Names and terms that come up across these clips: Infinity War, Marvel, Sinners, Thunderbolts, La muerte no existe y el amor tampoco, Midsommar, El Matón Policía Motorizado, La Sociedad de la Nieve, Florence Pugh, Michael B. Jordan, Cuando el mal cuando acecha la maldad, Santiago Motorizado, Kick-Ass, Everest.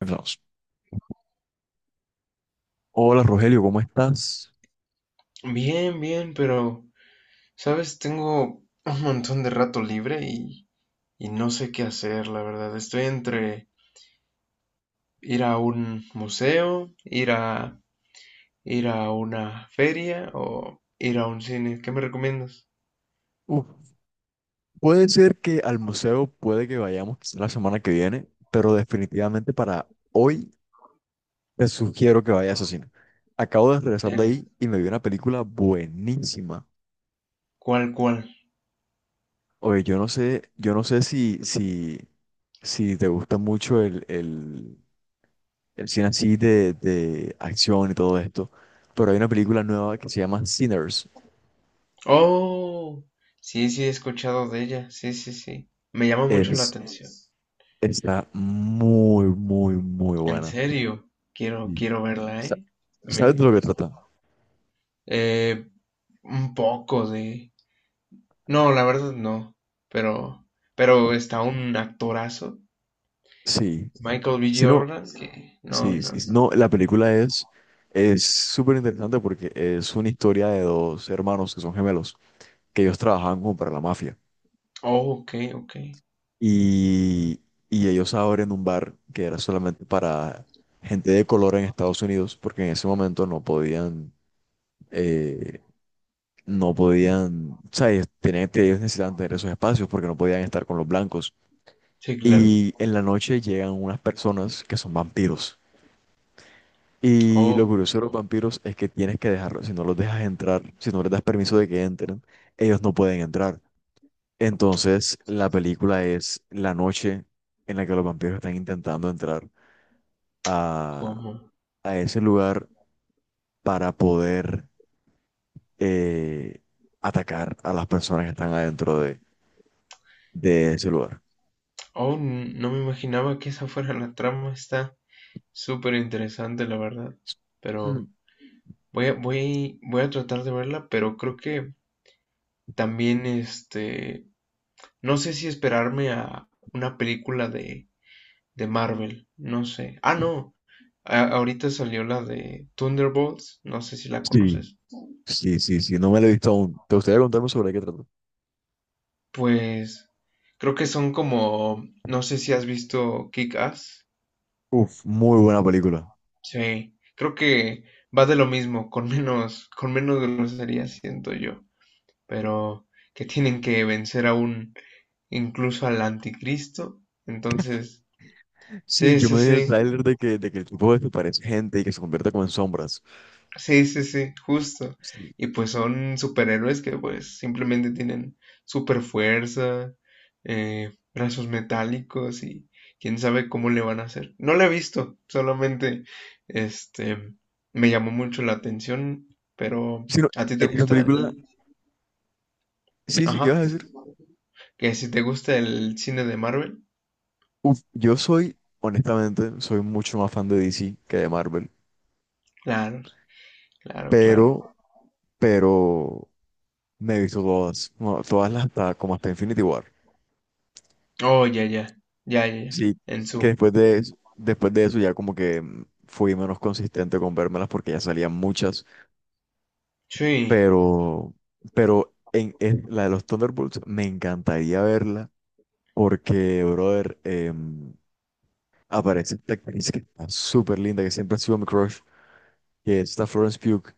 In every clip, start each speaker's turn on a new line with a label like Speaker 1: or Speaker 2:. Speaker 1: Empezamos. Hola Rogelio, ¿cómo estás?
Speaker 2: Bien, bien, pero, ¿sabes? Tengo un montón de rato libre y no sé qué hacer, la verdad. Estoy entre ir a un museo, ir a una feria o ir a un cine. ¿Qué me recomiendas?
Speaker 1: Uf, puede ser que al museo puede que vayamos quizá la semana que viene, pero definitivamente para hoy te sugiero que vayas a cine. Acabo de regresar de
Speaker 2: Serio.
Speaker 1: ahí y me vi una película buenísima.
Speaker 2: ¿Cuál, cuál?
Speaker 1: Oye, yo no sé, yo no sé si te gusta mucho el cine así de acción y todo esto, pero hay una película nueva que se llama Sinners.
Speaker 2: Oh, sí, sí, he escuchado de ella. Sí, sí, sí. Me llama mucho la
Speaker 1: Es,
Speaker 2: atención.
Speaker 1: está muy, muy, muy
Speaker 2: En
Speaker 1: buena.
Speaker 2: serio, quiero,
Speaker 1: Sí.
Speaker 2: quiero verla,
Speaker 1: Sa-
Speaker 2: ¿eh?
Speaker 1: ¿Sabes de
Speaker 2: Me,
Speaker 1: lo que trata?
Speaker 2: eh, un poco de. No, la verdad no. Pero, pero está un actorazo,
Speaker 1: Sí.
Speaker 2: Michael B.
Speaker 1: Si no,
Speaker 2: Jordan, que no,
Speaker 1: sí,
Speaker 2: no,
Speaker 1: sí, sí.
Speaker 2: no.
Speaker 1: No, la película es súper interesante porque es una historia de dos hermanos que son gemelos, que ellos trabajaban como para la mafia.
Speaker 2: Oh, ok, ok.
Speaker 1: Y, y ellos abren un bar que era solamente para gente de color en Estados Unidos, porque en ese momento no podían, eh, no podían, o sea, ellos, tenían, ellos necesitaban tener esos espacios porque no podían estar con los blancos.
Speaker 2: Sí, claro.
Speaker 1: Y en la noche llegan unas personas que son vampiros. Y lo
Speaker 2: Oh,
Speaker 1: curioso de los vampiros es que tienes que dejarlos. Si no los dejas entrar, si no les das permiso de que entren, ellos no pueden entrar. Entonces, la película es la noche en la que los vampiros están intentando entrar a,
Speaker 2: ¿cómo?
Speaker 1: a ese lugar para poder eh, atacar a las personas que están adentro de ese lugar.
Speaker 2: Oh, no me imaginaba que esa fuera la trama. Está súper interesante, la verdad.
Speaker 1: Mm.
Speaker 2: Pero voy a tratar de verla, pero creo que también, no sé si esperarme a una película de Marvel, no sé. Ah, no. Ahorita salió la de Thunderbolts, no sé si la
Speaker 1: Sí,
Speaker 2: conoces.
Speaker 1: sí, sí, sí. No me la he visto aún. ¿Te gustaría contarme sobre qué trata?
Speaker 2: Pues creo que son como, no sé si has visto Kick-Ass.
Speaker 1: Uf, muy buena película.
Speaker 2: Sí, creo que va de lo mismo, con menos grosería, siento yo. Pero que tienen que vencer incluso al anticristo. Entonces,
Speaker 1: Sí,
Speaker 2: sí,
Speaker 1: yo
Speaker 2: sí,
Speaker 1: me vi en el
Speaker 2: sí.
Speaker 1: tráiler de que el tipo desaparece gente y que se convierte como en sombras.
Speaker 2: Sí, sí, sí, justo.
Speaker 1: Sí.
Speaker 2: Y pues son superhéroes que pues simplemente tienen super fuerza, brazos metálicos y quién sabe cómo le van a hacer. No la he visto, solamente este me llamó mucho la atención, pero
Speaker 1: Sí, no,
Speaker 2: ¿a ti te
Speaker 1: en esa
Speaker 2: gusta
Speaker 1: película,
Speaker 2: el...
Speaker 1: sí, sí, ¿qué
Speaker 2: ajá,
Speaker 1: vas a decir?
Speaker 2: ¿que si te gusta el cine de Marvel?
Speaker 1: Uf, yo soy, honestamente, soy mucho más fan de DC que de Marvel,
Speaker 2: Claro, claro, claro.
Speaker 1: pero, pero me he visto todas, no, todas las hasta, como hasta Infinity War.
Speaker 2: Oh, ya, ya, ya, ya, ya.
Speaker 1: Sí,
Speaker 2: En
Speaker 1: que
Speaker 2: su.
Speaker 1: después de, después de eso ya como que fui menos consistente con vérmelas porque ya salían muchas,
Speaker 2: Sí.
Speaker 1: pero, pero en la de los Thunderbolts me encantaría verla. Porque, brother, aparece esta actriz que está súper linda, que siempre ha sido mi crush, que es esta Florence Pugh.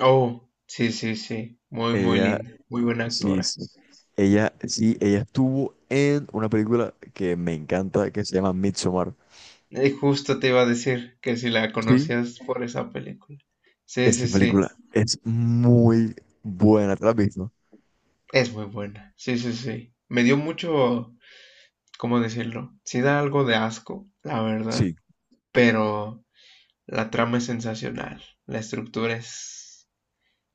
Speaker 2: Oh, sí, sí, sí. Muy, muy
Speaker 1: Ella,
Speaker 2: linda, muy buena
Speaker 1: sí,
Speaker 2: actora.
Speaker 1: sí. Ella, sí, ella estuvo en una película que me encanta, que se llama Midsommar.
Speaker 2: Justo te iba a decir que si la
Speaker 1: Sí,
Speaker 2: conocías por esa película. Sí,
Speaker 1: esta
Speaker 2: sí, sí.
Speaker 1: película es muy buena, ¿te la has visto?
Speaker 2: Es muy buena. Sí, sí, sí. Me dio mucho, ¿cómo decirlo? Sí da algo de asco, la
Speaker 1: Sí,
Speaker 2: verdad. Pero la trama es sensacional. La estructura es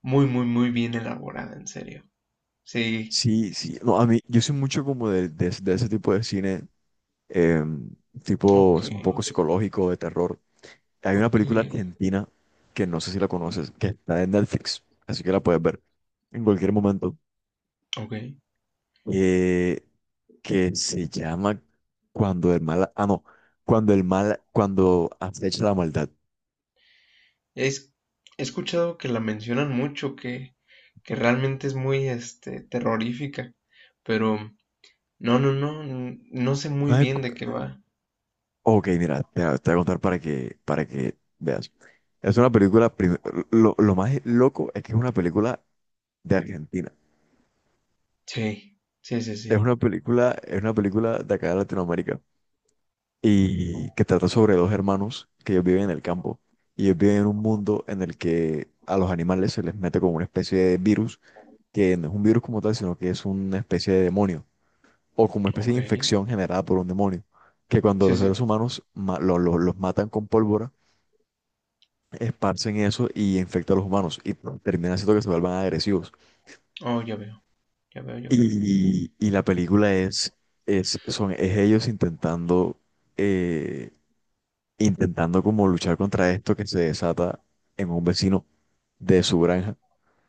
Speaker 2: muy, muy, muy bien elaborada, en serio. Sí.
Speaker 1: sí, sí. No, a mí, yo soy mucho como de, de ese tipo de cine, em, tipo,
Speaker 2: Ok,
Speaker 1: es un poco psicológico, de terror. Hay una
Speaker 2: ok,
Speaker 1: película argentina que no sé si la conoces, que está en Netflix, así que la puedes ver en cualquier momento,
Speaker 2: ok.
Speaker 1: eh, que se llama Cuando el mal, ah, no, Cuando el mal, cuando acecha la maldad.
Speaker 2: Es, he escuchado que la mencionan mucho, que realmente es muy, terrorífica. Pero no, no, no, no sé muy
Speaker 1: Ay,
Speaker 2: bien
Speaker 1: cu-
Speaker 2: de qué va.
Speaker 1: Ok, mira, voy a te voy a contar para que veas. Es una película, prim- lo más loco es que es una película de Argentina.
Speaker 2: Sí, sí, sí, sí.
Speaker 1: Es una película de acá de Latinoamérica, y que trata sobre dos hermanos que ellos viven en el campo y ellos viven en un mundo en el que a los animales se les mete como una especie de virus, que no es un virus como tal, sino que es una especie de demonio o como una especie
Speaker 2: Ok.
Speaker 1: de infección generada por un demonio, que cuando
Speaker 2: Sí,
Speaker 1: los
Speaker 2: sí.
Speaker 1: seres humanos los matan con pólvora, esparcen eso y infecta a los humanos y termina haciendo que se vuelvan agresivos.
Speaker 2: Oh, ya veo, ya veo, ya veo.
Speaker 1: Y la película es, es ellos intentando... eh, intentando como luchar contra esto que se desata en un vecino de su granja,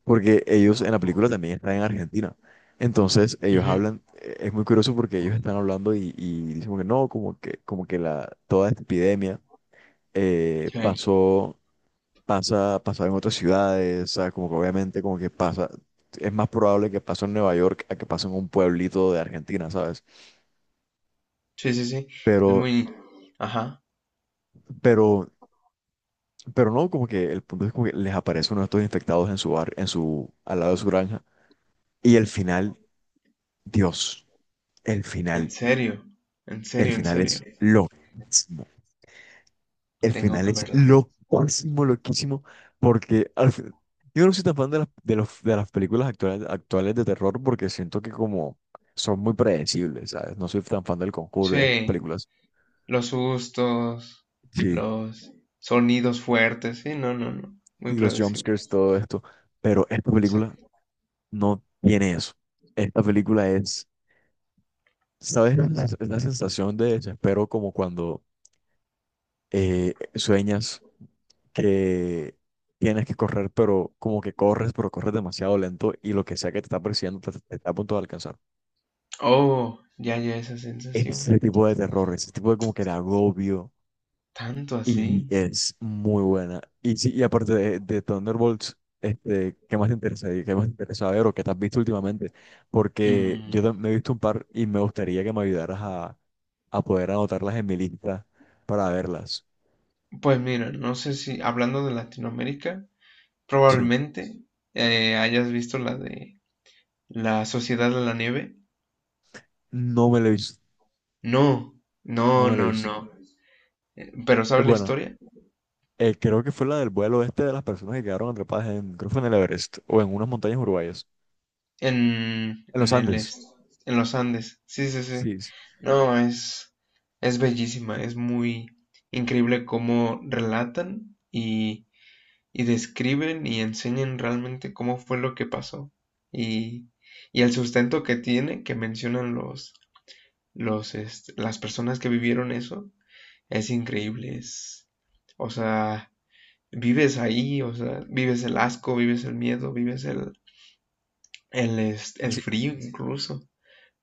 Speaker 1: porque ellos en la película también están en Argentina. Entonces ellos
Speaker 2: Ujú.
Speaker 1: hablan, es muy curioso porque ellos están hablando y dicen como que no, como que la, toda esta epidemia eh,
Speaker 2: Sí,
Speaker 1: pasó, pasa, pasaba en otras ciudades, o sea, como que obviamente como que pasa, es más probable que pase en Nueva York a que pase en un pueblito de Argentina, ¿sabes?
Speaker 2: sí, sí, sí. Es
Speaker 1: Pero,
Speaker 2: muy. Ajá.
Speaker 1: pero Pero no, como que el punto es como que les aparece uno de estos infectados en su bar, en su, al lado de su granja. Y el final, Dios, el
Speaker 2: En
Speaker 1: final,
Speaker 2: serio, en
Speaker 1: el
Speaker 2: serio, en
Speaker 1: final
Speaker 2: serio.
Speaker 1: es loquísimo. El
Speaker 2: Tengo
Speaker 1: final
Speaker 2: que
Speaker 1: es
Speaker 2: verla.
Speaker 1: loquísimo, loquísimo, porque yo no soy tan fan de las, de las películas actuales, actuales de terror porque siento que como son muy predecibles, ¿sabes? No soy tan fan del Conjuro y de estas
Speaker 2: Sí,
Speaker 1: películas.
Speaker 2: los sustos,
Speaker 1: Sí,
Speaker 2: los sonidos fuertes. Sí, no, no, no. Muy
Speaker 1: y los
Speaker 2: predecible.
Speaker 1: jumpscares todo esto. Pero esta
Speaker 2: Sí.
Speaker 1: película no tiene eso. Esta película es. ¿Sabes? Es la sensación de desespero como cuando sueñas que tienes que correr, pero como que corres, pero corres demasiado lento y lo que sea que te está persiguiendo te está a punto de alcanzar.
Speaker 2: Oh, ya, ya esa sensación.
Speaker 1: Ese tipo de terror, ese tipo de como que de agobio
Speaker 2: ¿Tanto
Speaker 1: y
Speaker 2: así?
Speaker 1: es muy buena. Y sí, y aparte de Thunderbolts, este, ¿qué más te interesa? ¿Qué más te interesa ver o qué te has visto últimamente? Porque
Speaker 2: Mm,
Speaker 1: yo me he visto un par y me gustaría que me ayudaras a poder anotarlas en mi lista para verlas.
Speaker 2: Pues mira, no sé si hablando de Latinoamérica.
Speaker 1: Sí,
Speaker 2: Probablemente hayas visto la de La Sociedad de la Nieve.
Speaker 1: no me lo he visto,
Speaker 2: No,
Speaker 1: no
Speaker 2: no,
Speaker 1: me lo he
Speaker 2: no,
Speaker 1: visto.
Speaker 2: no. Pero ¿sabes la
Speaker 1: Bueno,
Speaker 2: historia?
Speaker 1: creo que fue la del vuelo este de las personas que quedaron atrapadas en, creo que fue en el Everest o en unas montañas uruguayas,
Speaker 2: En,
Speaker 1: en los
Speaker 2: en el
Speaker 1: Andes.
Speaker 2: est- en los Andes. Sí, sí, sí.
Speaker 1: Sí, sí.
Speaker 2: No, es bellísima, es muy increíble cómo relatan y describen y enseñan realmente cómo fue lo que pasó. Y, y el sustento que tiene, que mencionan las personas que vivieron eso. Es increíble, o sea, vives ahí, o sea, vives el asco, vives el miedo, vives el, el
Speaker 1: Sí.
Speaker 2: frío incluso,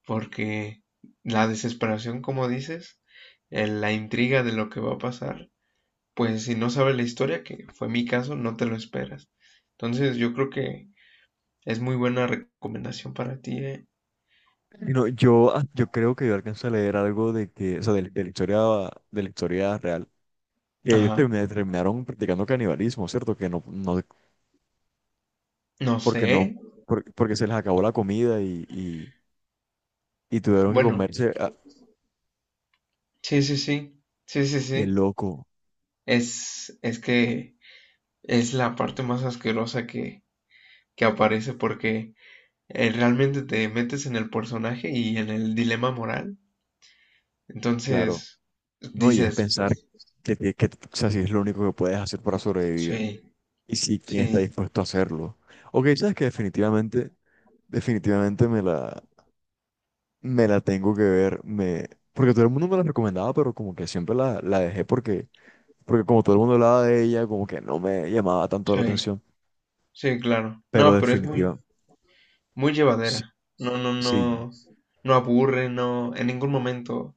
Speaker 2: porque la desesperación, como dices, la intriga de lo que va a pasar, pues si no sabes la historia, que fue mi caso, no te lo esperas. Entonces yo creo que es muy buena recomendación para ti, ¿eh?
Speaker 1: Y no, yo, ah, yo creo que yo alcancé a leer algo de que, o sea, de la historia real, que ellos
Speaker 2: Ajá.
Speaker 1: terminaron practicando canibalismo, ¿cierto? Que no, no,
Speaker 2: No
Speaker 1: porque
Speaker 2: sé.
Speaker 1: no, porque se les acabó la comida y tuvieron que
Speaker 2: Bueno,
Speaker 1: comerse, ah,
Speaker 2: sí, sí, sí. Sí, sí,
Speaker 1: qué
Speaker 2: sí.
Speaker 1: loco.
Speaker 2: Es que es la parte más asquerosa que aparece porque realmente te metes en el personaje y en el dilema moral.
Speaker 1: Claro.
Speaker 2: Entonces
Speaker 1: No, y es
Speaker 2: dices,
Speaker 1: pensar
Speaker 2: pues
Speaker 1: que, que, o sea, si es lo único que puedes hacer para sobrevivir
Speaker 2: sí,
Speaker 1: y si quién está
Speaker 2: sí,
Speaker 1: dispuesto a hacerlo. Ok, sabes que definitivamente, definitivamente me la tengo que ver, me, porque todo el mundo me la recomendaba, pero como que siempre la, la dejé porque, porque como todo el mundo hablaba de ella, como que no me llamaba tanto la
Speaker 2: sí,
Speaker 1: atención,
Speaker 2: sí, claro.
Speaker 1: pero
Speaker 2: No, pero es muy,
Speaker 1: definitiva,
Speaker 2: muy
Speaker 1: sí,
Speaker 2: llevadera. No, no,
Speaker 1: sí,
Speaker 2: no, no aburre, no,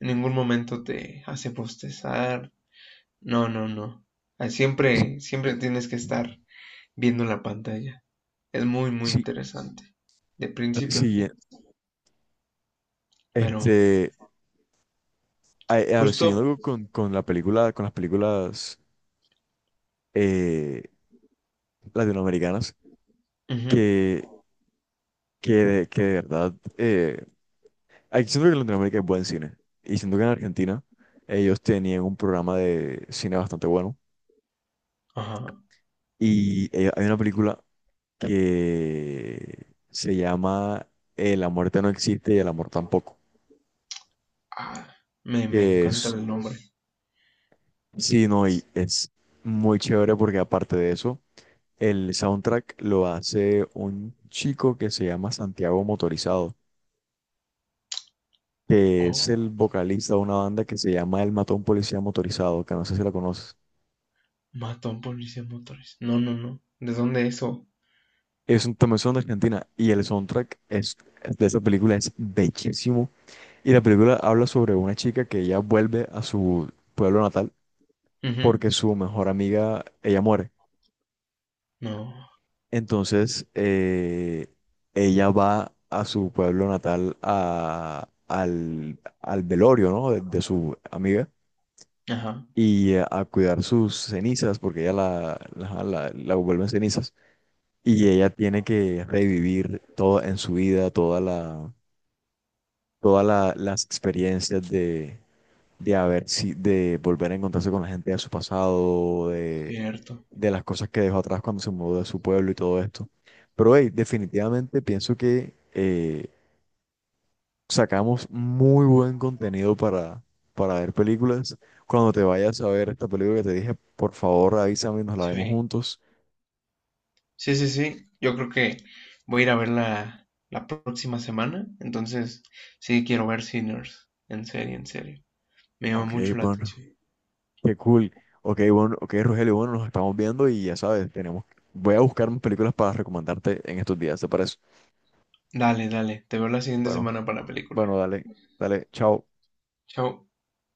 Speaker 2: en ningún momento te hace postezar. No, no, no. Ah, siempre, siempre tienes que estar viendo la pantalla. Es muy, muy
Speaker 1: sí,
Speaker 2: interesante, de principio a
Speaker 1: sí, sí,
Speaker 2: fin. Pero
Speaker 1: este, a-
Speaker 2: justo,
Speaker 1: siguiendo con la película, con las películas eh, latinoamericanas,
Speaker 2: ujú,
Speaker 1: que, que, que de verdad, aquí siento que en Latinoamérica hay buen cine. Y siento que en Argentina ellos tenían un programa de cine bastante bueno.
Speaker 2: ajá,
Speaker 1: Y hay una película que se llama La muerte no existe y el amor tampoco.
Speaker 2: ah, me
Speaker 1: Que
Speaker 2: encanta
Speaker 1: es,
Speaker 2: el nombre.
Speaker 1: sí, no, y es muy chévere porque aparte de eso, el soundtrack lo hace un chico que se llama Santiago Motorizado, que es el
Speaker 2: Oh,
Speaker 1: vocalista de una banda que se llama El Matón Policía Motorizado, que no sé si la conoces.
Speaker 2: mató a un policía de motores. No, no, no. ¿De dónde eso?
Speaker 1: Es un también son de Argentina y el soundtrack es, de esa película es bellísimo. Y la película habla sobre una chica que ella vuelve a su pueblo natal
Speaker 2: Ujú,
Speaker 1: porque su mejor amiga, ella muere.
Speaker 2: no,
Speaker 1: Entonces, ella va a su pueblo natal a, al, al velorio, ¿no?, de su amiga
Speaker 2: ajá,
Speaker 1: y a cuidar sus cenizas, porque ella la, la vuelve en cenizas, y ella tiene que revivir todo en su vida, toda la, las experiencias de haber, de volver a encontrarse con la gente de su pasado,
Speaker 2: cierto.
Speaker 1: de las cosas que dejó atrás cuando se mudó de su pueblo y todo esto. Pero hey, definitivamente pienso que sacamos muy buen contenido para ver películas. Cuando te vayas a ver esta película que te dije, por favor, avísame y nos la vemos
Speaker 2: Sí,
Speaker 1: juntos.
Speaker 2: sí, sí, sí. Yo creo que voy a ir a verla la próxima semana. Entonces, sí, quiero ver Sinners. En serio, en serio. Me llama
Speaker 1: Ok,
Speaker 2: mucho la
Speaker 1: bueno,
Speaker 2: atención.
Speaker 1: qué cool. Ok, bueno, ok, Rogelio, bueno, nos estamos viendo y ya sabes, tenemos, voy a buscar más películas para recomendarte en estos días, ¿te parece?
Speaker 2: Dale, dale. Te veo la siguiente
Speaker 1: Bueno,
Speaker 2: semana para la película.
Speaker 1: bueno, dale, dale, chao.
Speaker 2: Chao.